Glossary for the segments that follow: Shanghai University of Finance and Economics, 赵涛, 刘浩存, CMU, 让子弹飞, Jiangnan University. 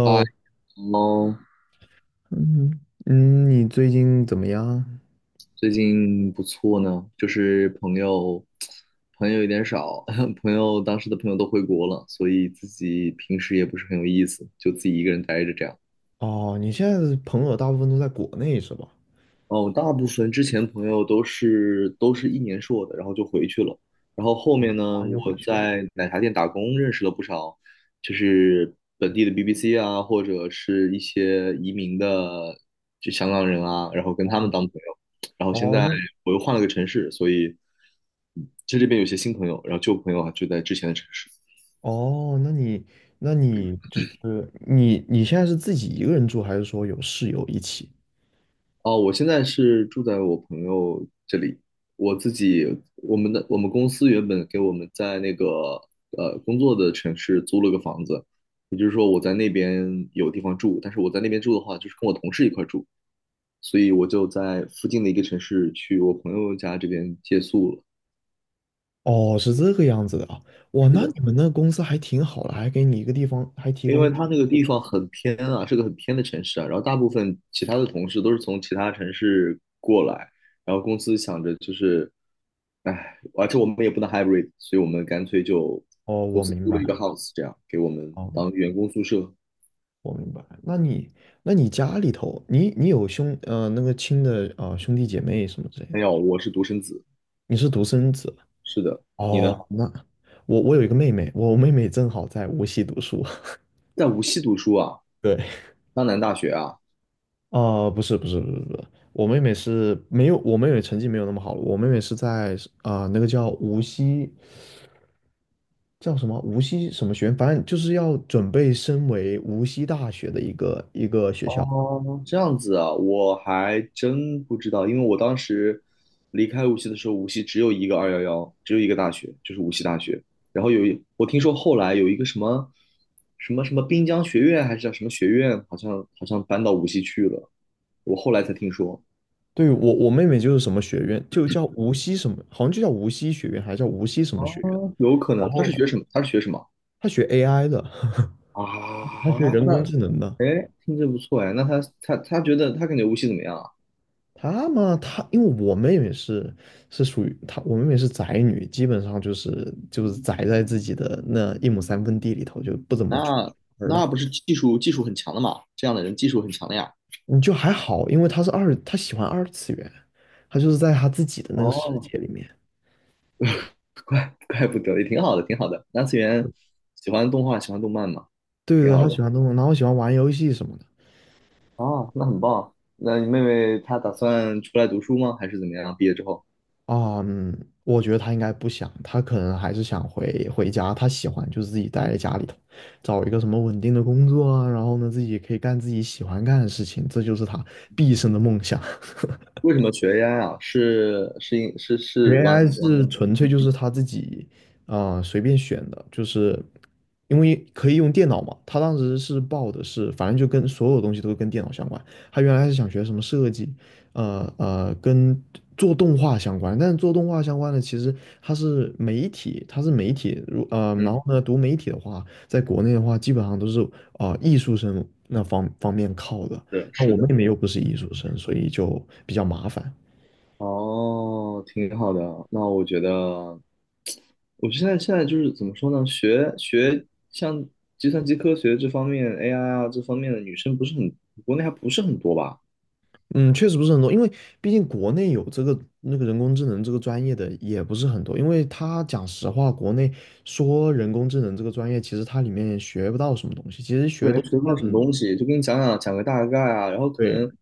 嗨，喽，嗯你最近怎么样？最近不错呢，朋友有点少，当时的朋友都回国了，所以自己平时也不是很有意思，就自己一个人待着这样。哦，你现在的朋友大部分都在国内是吧？哦，大部分之前朋友都是一年硕的，然后就回去了。然后后面哦，读呢，完就回我去了。在奶茶店打工，认识了不少，就是本地的 BBC 啊，或者是一些移民的就香港人啊，然后跟他们哦，当朋友。然后现哦，在那我又换了个城市，所以在这边有些新朋友，然后旧朋友啊就在之前的城市。哦，那你那你现在是自己一个人住，还是说有室友一起？哦，我现在是住在我朋友这里，我自己，我们公司原本给我们在那个工作的城市租了个房子，也就是说我在那边有地方住，但是我在那边住的话，就是跟我同事一块儿住，所以我就在附近的一个城市去我朋友家这边借宿了。哦，是这个样子的啊。哇，是那的。你们那个公司还挺好的，还给你一个地方，还提因为供。他那个地方很偏啊，是个很偏的城市啊。然后大部分其他的同事都是从其他城市过来，然后公司想着就是，唉，而且我们也不能 hybrid，所以我们干脆就哦，公我司明租了一个 白。house，这样给我们哦，当员工宿舍。我明白。那你，那你家里头，你你有兄呃那个亲的呃兄弟姐妹什么之类没的吗？有，我是独生子。你是独生子？是的，你呢？哦，那我，我有一个妹妹，我妹妹正好在无锡读书。在无锡读书啊？对。江南大学啊？啊，不是不是不是不是，我妹妹是没有，我妹妹成绩没有那么好了，我妹妹是在，啊、那个叫无锡叫什么无锡什么学院，反正就是要准备升为无锡大学的一个学校。哦，这样子啊，我还真不知道，因为我当时离开无锡的时候，无锡只有一个211，只有一个大学，就是无锡大学。然后我听说后来有一个什么什么滨江学院，还是叫什么学院，好像搬到无锡去了。我后来才听说，对，我我妹妹就是什么学院，就叫无锡什么，好像就叫无锡学院，还是叫无锡什啊，么学院。有可然能他后是学什么？他是学什么她学 AI 的，啊？她学人那工智能的。哎，听着不错哎，那他感觉无锡怎么样啊？她嘛，她因为我妹妹是是属于她，我妹妹是宅女，基本上就是宅在自己的那一亩三分地里头，就不怎么出那门了。那不是技术很强的嘛？这样的人技术很强的呀。还好，因为她喜欢二次元，她就是在她自己的那个世哦，界里面。怪不得，也挺好的，挺好的。二次元喜欢动画，喜欢动漫嘛，对挺对，好她的。喜欢动漫，然后喜欢玩游戏什么的。哦，那很棒。那你妹妹她打算出来读书吗？还是怎么样？毕业之后啊，嗯，我觉得她应该不想，她可能还是想回家。她喜欢就是自己待在家里头，找一个什么稳定的工作啊，然后呢，自己可以干自己喜欢干的事情，这就是她毕生的梦想。为什么学 AI 啊？是是因是是学 玩 AI 玩，是纯粹就是他自己随便选的，就是因为可以用电脑嘛。他当时是报的是，反正就跟所有东西都跟电脑相关。他原来是想学什么设计，跟做动画相关，但是做动画相关的其实，他是媒体，他是媒体，如呃，然后嗯，呢，读媒体的话，在国内的话，基本上都是艺术生那方面靠的。是那是我的。妹妹又不是艺术生，所以就比较麻烦。哦，挺好的。那我觉得，我现在就是怎么说呢？像计算机科学这方面 AI 啊这方面的女生不是很，国内还不是很多吧？嗯，确实不是很多，因为毕竟国内有这个那个人工智能这个专业的也不是很多。因为他讲实话，国内说人工智能这个专业，其实它里面也学不到什么东西，其实学对，的还都是学不一些到什么很多，东西，就跟你讲讲个大概啊，然后可能对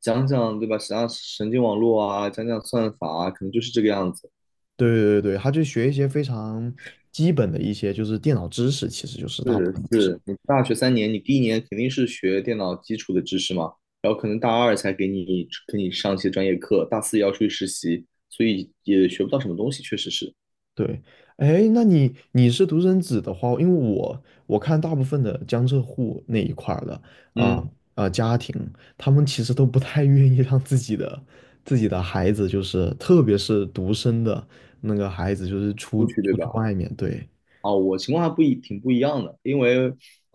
讲讲对吧，讲讲神经网络啊，讲讲算法啊，可能就是这个样子。对对对，他就学一些非常基本的一些就是电脑知识，其实就是大部是分都是。是，你大学3年，你第一年肯定是学电脑基础的知识嘛，然后可能大二才给你上一些专业课，大四也要出去实习，所以也学不到什么东西，确实是。对。哎，那你，你是独生子的话，因为我看大部分的江浙沪那一块儿的啊嗯，家庭，他们其实都不太愿意让自己的孩子，就是特别是独生的那个孩子，就是出出去对出去吧？外面。对。啊，我情况还不一挺不一样的，因为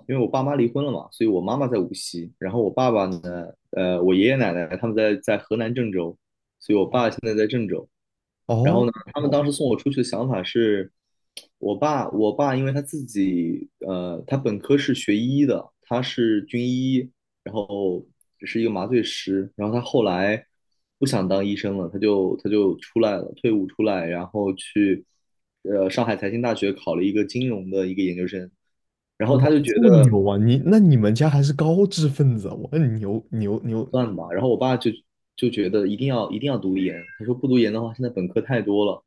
因为我爸妈离婚了嘛，所以我妈妈在无锡，然后我爸爸呢，呃，我爷爷奶奶他们在河南郑州，爸是那种。然后哦。呢，他们哦，当时送我出去的想法是，我爸因为他自己，他本科是学医的，他是军医，然后是一个麻醉师，然后他后来不想当医生了，他就出来了，退伍出来，然后去，上海财经大学考了一个金融的一个研究生，然后哇，他就觉这么得牛啊！你那你们家还是高知分子啊，我很牛！算吧，然后我爸就就觉得一定要读研，他说不读研的话，现在本科太多了。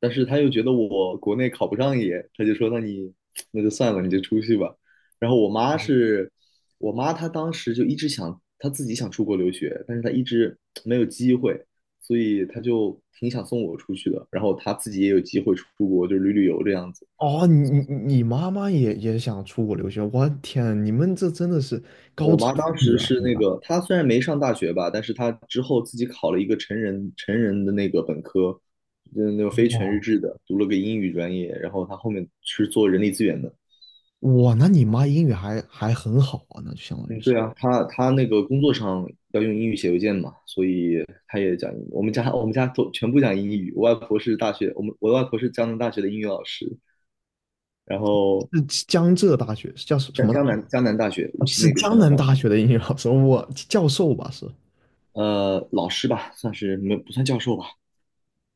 但是他又觉得我国内考不上研，他就说那你 那就算了，你就出去吧。然后我妈是，我妈她当时就一直想她自己想出国留学，但是她一直没有机会，所以她就挺想送我出去的。然后她自己也有机会出国，就旅游这样子。哦，你妈妈也想出国留学，我的天啊，你们这真的是高我知妈当分时子啊！是那个，她虽然没上大学吧，但是她之后自己考了一个成人的那个本科，嗯，那个非全日哇，制的，读了个英语专业，然后她后面是做人力资源的。哇，那你妈英语还很好啊，那就相当于嗯，是，对啊，她她那个工作上要用英语写邮件嘛，所以她也讲英语。我们家都全部讲英语。我外婆是江南大学的英语老师，然后是江浙大学，是叫什，什么大学？江南大学无哦，锡是那个江江南南大学，大学的英语老师，我，教授吧是？老师吧，算是没不算教授吧。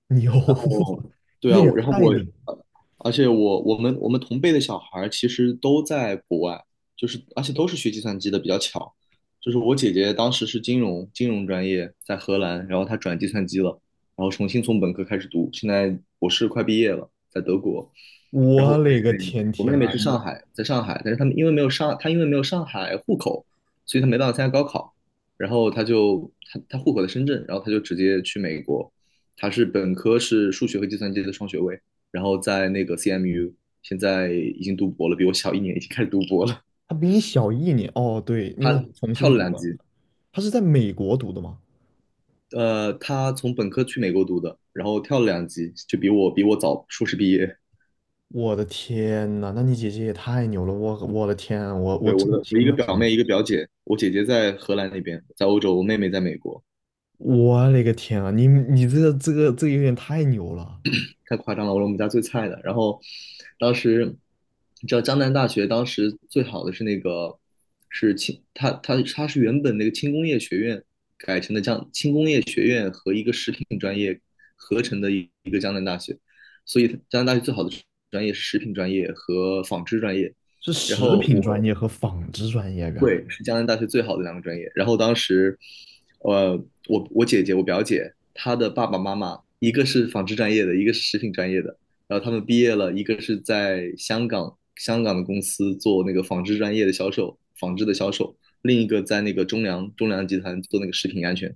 牛。然 后，对那啊，也我然后太我，牛！呃而且我们同辈的小孩儿其实都在国外，就是而且都是学计算机的，比较巧。就是我姐姐当时是金融专业在荷兰，然后她转计算机了，然后重新从本科开始读，现在博士快毕业了，在德国。然后我我勒个妹妹天我妹天妹啊！是你，上海，在上海，但是她因为没有上海户口，所以她没办法参加高考，然后她就她她户口在深圳，然后她就直接去美国。他是本科是数学和计算机的双学位，然后在那个 CMU，现在已经读博了，比我小一年，已经开始读博了。他比你小一年哦？对，因他为重跳新了读两嘛，级，他是在美国读的嘛。他从本科去美国读的，然后跳了两级，就比我早硕士毕业。我的天呐，那你姐姐也太牛了！我的天啊，我对，我震的我一惊个了，表真的。妹，一个表姐，我姐姐在荷兰那边，在欧洲，我妹妹在美国。我勒个天啊！你你这个有点太牛了。太夸张了，我是我们家最菜的。然后当时你知道江南大学当时最好的是那个是轻，它它它是原本那个轻工业学院改成的江轻工业学院和一个食品专业合成的一个江南大学，所以它江南大学最好的专业是食品专业和纺织专业。是然食后品专业我和纺织专业，原来。对，是江南大学最好的两个专业。然后当时，呃，我表姐她的爸爸妈妈一个是纺织专业的，一个是食品专业的。然后他们毕业了，一个是在香港的公司做那个纺织专业的销售，纺织的销售；另一个在那个中粮集团做那个食品安全。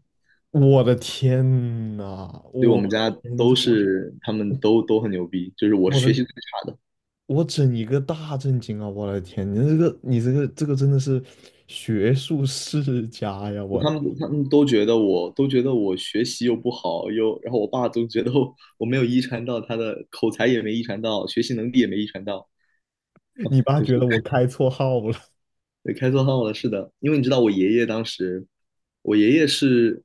我的天呐，所以我我们家的天，都这我是他们都很牛逼，就是我是我的学习最差的。我整一个大震惊啊！我的天，你这个真的是学术世家呀！我他的们天，他们都觉得我学习又不好，又然后我爸总觉得我没有遗传到他的口才也没遗传到，学习能力也没遗传到，你爸就觉是得我开错号了对开错号了。是的，因为你知道我爷爷当时，我爷爷是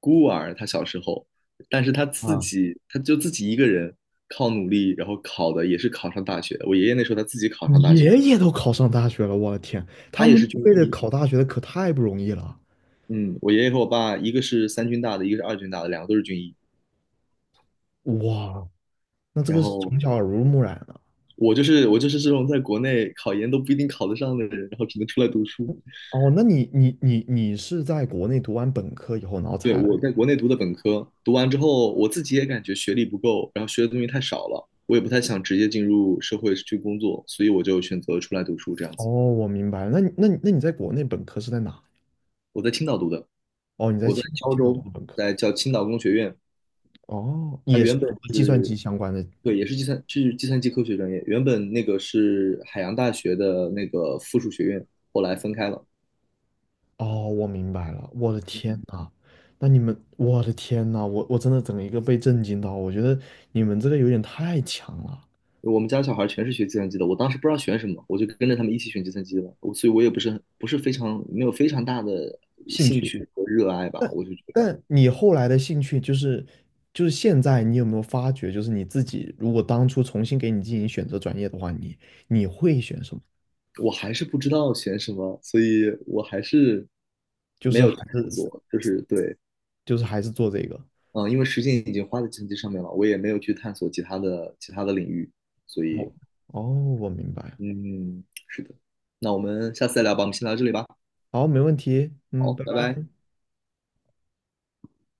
孤儿，他小时候，但是他自啊。己他就自己一个人靠努力，然后考的也是考上大学的。我爷爷那时候他自己 考你上大学，爷爷都考上大学了，我的天，他他也们是那军辈的医。考大学的可太不容易了。嗯，我爷爷和我爸一个是三军大的，一个是二军大的，两个都是军医。哇，那这然个是后从小耳濡目染了。我就是这种在国内考研都不一定考得上的人，然后只能出来读书。哦，那你你是在国内读完本科以后，然后对，才我来？在国内读的本科，读完之后我自己也感觉学历不够，然后学的东西太少了，我也不太想直接进入社会去工作，所以我就选择出来读书这样哦，子。我明白了。那你在国内本科是在哪？我在青岛读的，哦，你在我在青胶青岛读州，的本科。在叫青岛工学院，哦，它也是原读本的计算是，机相关的。对，也是计算机科学专业，原本那个是海洋大学的那个附属学院，后来分开了。哦，我明白了。我的天嗯，呐，那你们，我的天呐，我真的整一个被震惊到。我觉得你们这个有点太强了，我们家小孩全是学计算机的，我当时不知道选什么，我就跟着他们一起选计算机了。我所以，我也不是很不是非常没有非常大的兴兴趣。趣和热爱吧。我就觉得但你后来的兴趣就是，就是现在你有没有发觉，就是你自己如果当初重新给你进行选择专业的话，你，你会选什么？我还是不知道选什么，所以我还是就没是有去还探是索。就是对，还是做这个。嗯，因为时间已经花在计算机上面了，我也没有去探索其他的领域。所以，我，哦，我明白了。嗯，是的。那我们下次再聊吧，我们先聊到这里吧。好，没问题，嗯，好，拜拜拜。拜。